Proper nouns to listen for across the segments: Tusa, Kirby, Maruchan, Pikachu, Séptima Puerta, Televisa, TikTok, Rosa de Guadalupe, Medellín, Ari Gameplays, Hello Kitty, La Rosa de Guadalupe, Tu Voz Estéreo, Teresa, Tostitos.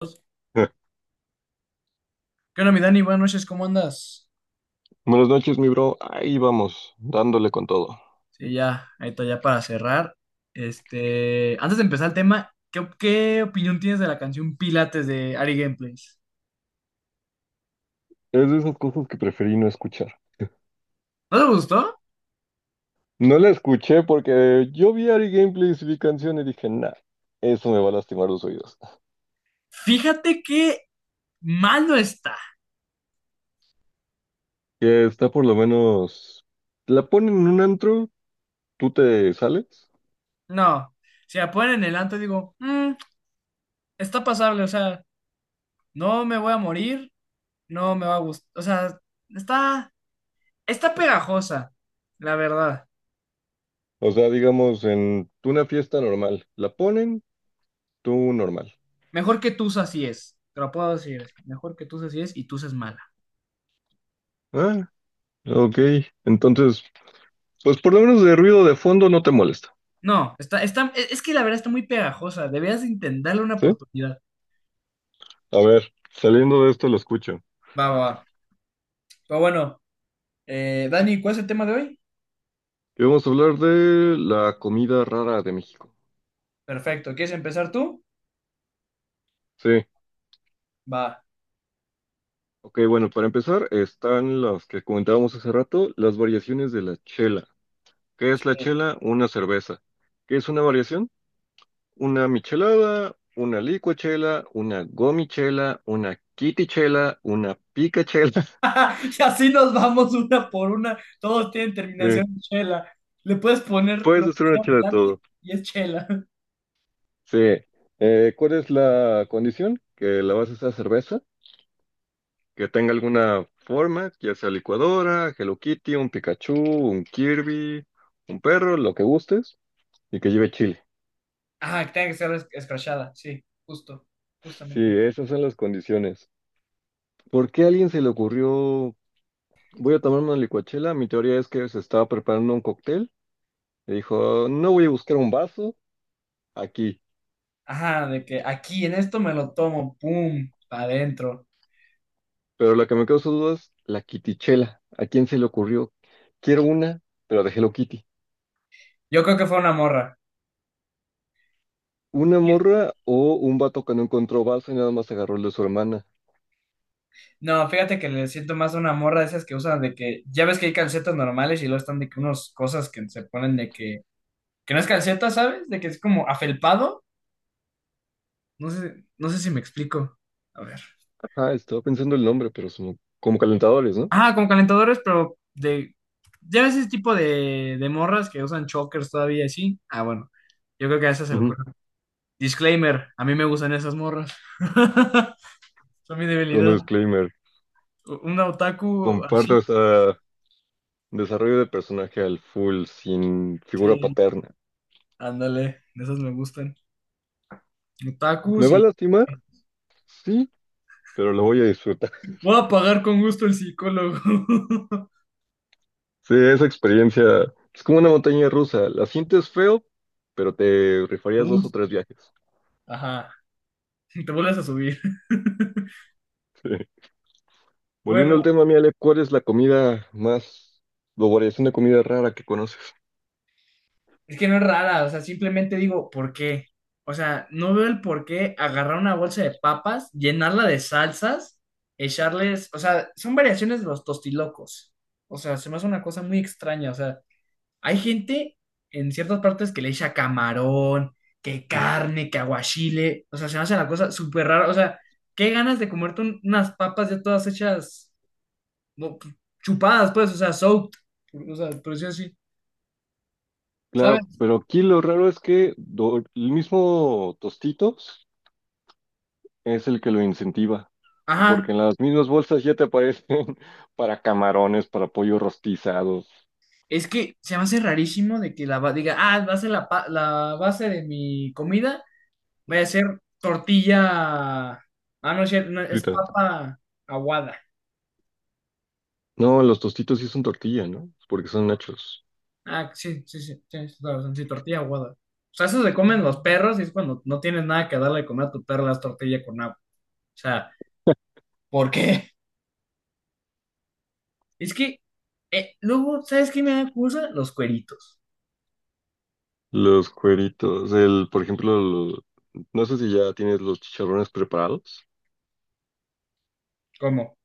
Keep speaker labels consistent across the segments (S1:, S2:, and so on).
S1: ¿Qué onda, mi Dani? Buenas noches, ¿cómo andas?
S2: Buenas noches, mi bro. Ahí vamos, dándole con todo.
S1: Sí, ya, ahí está, ya para cerrar. Este, antes de empezar el tema, ¿qué opinión tienes de la canción Pilates de Ari Gameplays?
S2: Es de esas cosas que preferí no escuchar.
S1: ¿No te gustó?
S2: No la escuché porque yo vi Ari Gameplays y vi canción y dije, nah, eso me va a lastimar los oídos.
S1: Fíjate que mal no está.
S2: Que está por lo menos. La ponen en un antro, tú te sales.
S1: No, si la ponen en el anto, digo, "Mm, está pasable, o sea, no me voy a morir, no me va a gustar, o sea, está, está pegajosa, la verdad."
S2: O sea, digamos, en una fiesta normal. La ponen, tú normal.
S1: Mejor que Tusa así es, te lo puedo decir, así, mejor que Tusa así es y Tusa es mala.
S2: Ah, ok. Entonces, pues por lo menos de ruido de fondo no te molesta.
S1: No, es que la verdad está muy pegajosa. Deberías de intentarle una
S2: ¿Sí?
S1: oportunidad.
S2: A ver, saliendo de esto lo escucho.
S1: Va, va, va. Pero bueno, Dani, ¿cuál es el tema de hoy?
S2: Y vamos a hablar de la comida rara de México.
S1: Perfecto, ¿quieres empezar tú?
S2: Sí.
S1: Va.
S2: Ok, bueno, para empezar están las que comentábamos hace rato, las variaciones de la chela. ¿Qué
S1: Sí.
S2: es la chela? Una cerveza. ¿Qué es una variación? Una michelada, una licuachela, una gomichela, una kitichela, una picachela.
S1: Y así nos vamos una por una. Todos tienen
S2: Sí.
S1: terminación en chela. Le puedes poner
S2: Puedes
S1: lo que
S2: hacer una
S1: sea
S2: chela de
S1: adelante
S2: todo.
S1: y es chela.
S2: Sí. ¿Cuál es la condición? Que la base sea cerveza que tenga alguna forma, ya sea licuadora, Hello Kitty, un Pikachu, un Kirby, un perro, lo que gustes, y que lleve chile.
S1: Ah, que tenga que ser escrachada. Sí, justo,
S2: Sí,
S1: justamente.
S2: esas son las condiciones. ¿Por qué a alguien se le ocurrió, voy a tomar una licuachela? Mi teoría es que se estaba preparando un cóctel y dijo, no voy a buscar un vaso aquí,
S1: Ajá, de que aquí en esto me lo tomo, pum, para adentro.
S2: pero lo que me causa dudas es la Kitichela. ¿A quién se le ocurrió? Quiero una, pero de Hello Kitty.
S1: Yo creo que fue una morra.
S2: ¿Una morra o un vato que no encontró vaso y nada más agarró el de su hermana?
S1: No, fíjate que le siento más a una morra de esas que usan de que, ya ves que hay calcetas normales y luego están de que unas cosas que se ponen de que no es calceta, ¿sabes? De que es como afelpado. No sé, no sé si me explico. A ver.
S2: Ah, estaba pensando el nombre, pero son como calentadores, ¿no?
S1: Ah, como calentadores, pero de, ya ves ese tipo de morras que usan chokers todavía así. Ah, bueno, yo creo que a esas se le
S2: Ujú.
S1: ocurre. Disclaimer, a mí me gustan esas morras. Son mi
S2: Segundo
S1: debilidad.
S2: disclaimer,
S1: Un otaku así.
S2: comparto esa desarrollo de personaje al full sin figura
S1: Sí,
S2: paterna.
S1: ándale, de esas me gustan.
S2: ¿Me
S1: Otakus
S2: va a
S1: y...
S2: lastimar? Sí, pero lo voy a disfrutar.
S1: Voy a pagar con gusto el psicólogo.
S2: Sí, esa experiencia es como una montaña rusa. La sientes feo, pero te rifarías dos o
S1: Uf,
S2: tres viajes.
S1: ajá, te vuelves a subir.
S2: Sí. Volviendo al
S1: Bueno,
S2: tema, mi Ale, ¿cuál es la comida más, o variación de comida rara que conoces?
S1: es que no es rara, o sea, simplemente digo, ¿por qué? O sea, no veo el por qué agarrar una bolsa de papas, llenarla de salsas, echarles, o sea, son variaciones de los tostilocos. O sea, se me hace una cosa muy extraña, o sea, hay gente en ciertas partes que le echa camarón, que carne, que aguachile, o sea, se me hace la cosa súper rara, o sea, qué ganas de comerte unas papas ya todas hechas como chupadas, pues, o sea, soaked, o sea, por decirlo así,
S2: Claro,
S1: ¿sabes?
S2: pero aquí lo raro es que el mismo tostito es el que lo incentiva,
S1: Ajá,
S2: porque en las mismas bolsas ya te aparecen para camarones, para pollo rostizado.
S1: es que se me hace rarísimo de que diga, ah, va a ser la base de mi comida, vaya a ser tortilla, ah, no, es cierto, no, es
S2: Frita.
S1: papa aguada.
S2: No, los tostitos sí son tortilla, ¿no? Porque son nachos.
S1: Ah, sí, sí, sí, tienes toda la razón, sí, tortilla aguada. O sea, eso se comen los perros y es cuando no tienes nada que darle de comer a tu perro las tortillas con agua. O sea, ¿por qué? Es que, luego, ¿sabes qué me da cosa? Los cueritos.
S2: Los cueritos, el, por ejemplo, no sé si ya tienes los chicharrones preparados.
S1: ¿Cómo?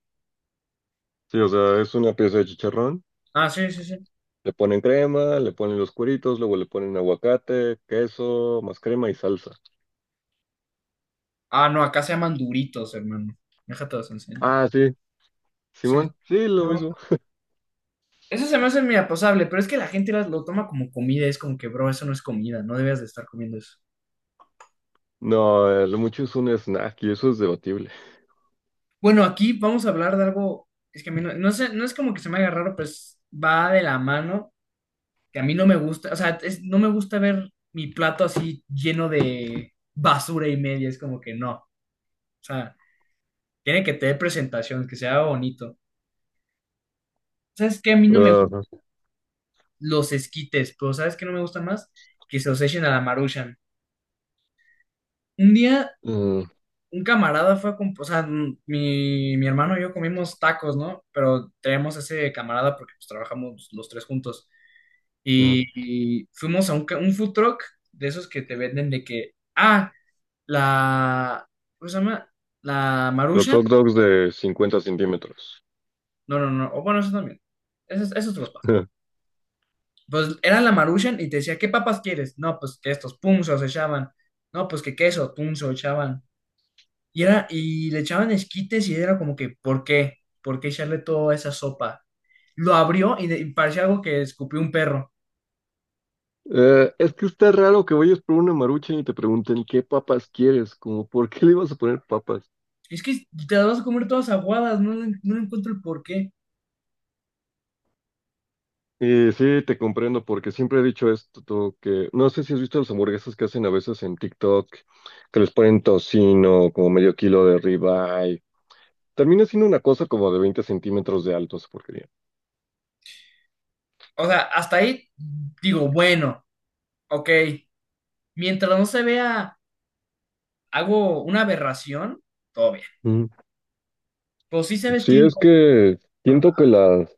S2: Sí, o sea, es una pieza de chicharrón,
S1: Ah, sí, sí, sí.
S2: le ponen crema, le ponen los cueritos, luego le ponen aguacate, queso, más crema y salsa.
S1: Ah, no, acá se llaman duritos, hermano. Déjate los enseño.
S2: Ah, sí,
S1: Sí.
S2: Simón, sí, lo
S1: No,
S2: mismo.
S1: eso se me hace muy aposable, pero es que la gente lo toma como comida. Es como que, bro, eso no es comida, no debías de estar comiendo eso.
S2: No, lo mucho es un snack y eso es debatible.
S1: Bueno, aquí vamos a hablar de algo. Es que a mí no, no sé, no es como que se me haga raro, pues va de la mano, que a mí no me gusta. O sea, no me gusta ver mi plato así lleno de basura y media. Es como que no. O sea, tiene que tener presentación, que sea bonito. ¿Sabes qué? A mí no me
S2: Ajá.
S1: los esquites, pero ¿sabes qué no me gusta más? Que se los echen a la Maruchan. Un día,
S2: Mm.
S1: un camarada fue a o sea, mi hermano y yo comimos tacos, ¿no? Pero tenemos ese camarada porque pues, trabajamos los tres juntos.
S2: Ujú.
S1: Y fuimos a un food truck de esos que te venden de que, ah, la, ¿cómo se llama? La
S2: Los
S1: Maruchan.
S2: hot dogs de 50 cm.
S1: No, no, no, o bueno, eso también. Esos, esos te los paso. Pues era la Maruchan y te decía, ¿qué papas quieres? No, pues que estos punzos echaban. No, pues que queso, punzo echaban. Y y le echaban esquites y era como que, ¿por qué? ¿Por qué echarle toda esa sopa? Lo abrió y parecía algo que escupió un perro.
S2: Es que está raro que vayas por una marucha y te pregunten qué papas quieres, como por qué le ibas a poner papas.
S1: Es que te las vas a comer todas aguadas, no, no le encuentro el por qué.
S2: Y sí, te comprendo, porque siempre he dicho esto, tú, que no sé si has visto las hamburguesas que hacen a veces en TikTok, que les ponen tocino, como medio kilo de ribeye. Termina siendo una cosa como de 20 cm de alto esa porquería.
S1: O sea, hasta ahí digo, bueno, ok. Mientras no se vea, hago una aberración, todo bien.
S2: Ujú.
S1: Pues sí sabes
S2: Sí,
S1: que...
S2: es que
S1: bueno,
S2: siento que las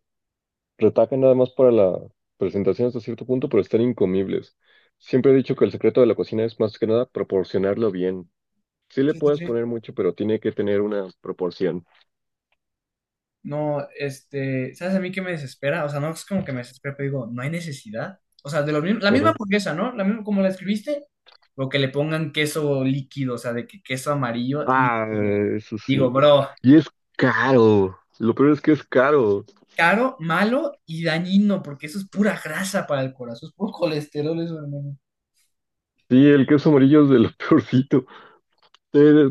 S2: retacan nada más para la presentación hasta cierto punto, pero están incomibles. Siempre he dicho que el secreto de la cocina es más que nada proporcionarlo bien. Sí le
S1: sí, sí,
S2: puedes
S1: sí.
S2: poner mucho, pero tiene que tener una proporción.
S1: No, este, ¿sabes a mí qué me desespera? O sea, no es como que me desespera, pero digo, no hay necesidad. O sea, de lo mismo, la misma
S2: Ajá.
S1: hamburguesa, ¿no? La misma, como la escribiste, lo que le pongan queso líquido, o sea, de que queso amarillo
S2: Ah,
S1: líquido.
S2: eso sí.
S1: Digo, bro,
S2: Y es caro. Lo peor es que es caro.
S1: caro, malo y dañino, porque eso es pura grasa para el corazón, es puro colesterol eso, hermano.
S2: Sí, el queso amarillo es de lo peorcito. Eh,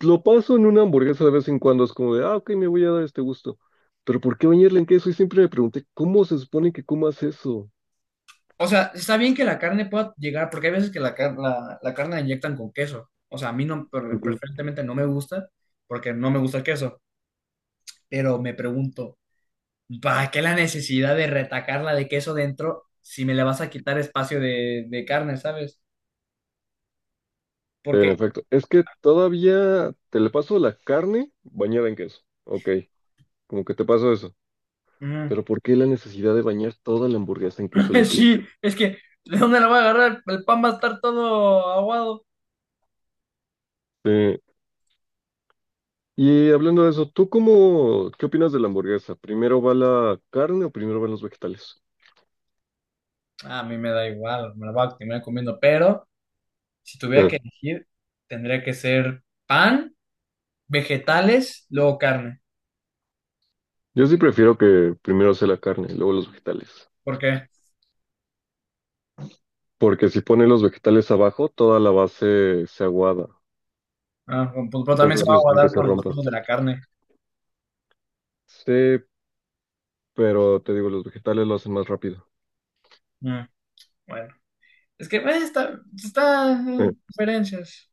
S2: lo paso en una hamburguesa de vez en cuando. Es como de, ah, ok, me voy a dar este gusto. Pero ¿por qué bañarle en queso? Y siempre me pregunté, ¿cómo se supone que comas eso?
S1: O sea, está bien que la carne pueda llegar, porque hay veces que la carne la inyectan con queso. O sea, a mí no, preferentemente no me gusta, porque no me gusta el queso. Pero me pregunto. ¿Para qué la necesidad de retacarla de queso dentro si me le vas a quitar espacio de, carne? ¿Sabes?
S2: En
S1: Porque,
S2: efecto, es que todavía te le paso la carne bañada en queso. Ok, como que te paso eso.
S1: mm,
S2: Pero ¿por qué la necesidad de bañar toda la hamburguesa en queso líquido?
S1: sí, es que, ¿de dónde la voy a agarrar? El pan va a estar todo aguado.
S2: Eh, y hablando de eso, ¿tú cómo, qué opinas de la hamburguesa? ¿Primero va la carne o primero van los vegetales?
S1: A mí me da igual, me la voy a terminar comiendo, pero si tuviera
S2: Ah,
S1: que elegir, tendría que ser pan, vegetales, luego carne.
S2: yo sí prefiero que primero sea la carne, luego los vegetales.
S1: ¿Por qué?
S2: Porque si pones los vegetales abajo, toda la base se aguada.
S1: Ah, pues, pero también se
S2: Entonces
S1: va a
S2: no sé si que
S1: aguadar
S2: se
S1: con los
S2: rompa.
S1: frutos de la carne.
S2: Sí, pero te digo, los vegetales lo hacen más rápido.
S1: Mm, bueno, es que
S2: Eh,
S1: diferencias.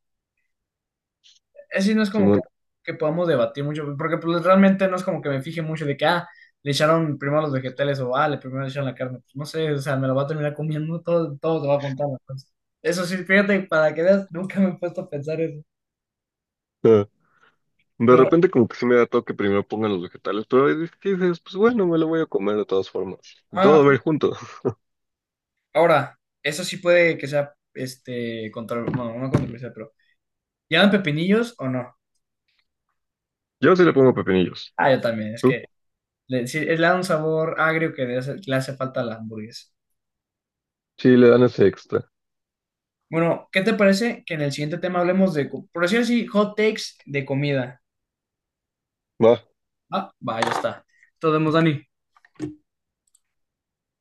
S1: Así no es como que,
S2: Simón.
S1: que podamos debatir mucho, porque pues, realmente no es como que me fije mucho de que, ah, le echaron primero los vegetales o, ah, le primero le echaron la carne. Pues, no sé, o sea, me lo va a terminar comiendo, todo, todo te va a contar. Entonces. Eso sí, fíjate, para que veas, nunca me he puesto a pensar eso.
S2: Ah, de
S1: Pero,
S2: repente como que sí me da toque primero pongan los vegetales, pero hay veces que dices, pues bueno, me lo voy a comer de todas formas.
S1: ah,
S2: Todo va a ir junto.
S1: ahora, eso sí puede que sea, este, bueno, no controversial, pero, ¿llaman pepinillos o no?
S2: Yo sí le pongo pepinillos.
S1: Ah, yo también, es
S2: ¿Tú?
S1: que sí, le da un sabor agrio que le hace falta a la hamburguesa.
S2: Sí, le dan ese extra.
S1: Bueno, ¿qué te parece que en el siguiente tema hablemos de, por decir así, hot takes de comida?
S2: Va.
S1: Ah, va, ya está. Nos vemos, Dani.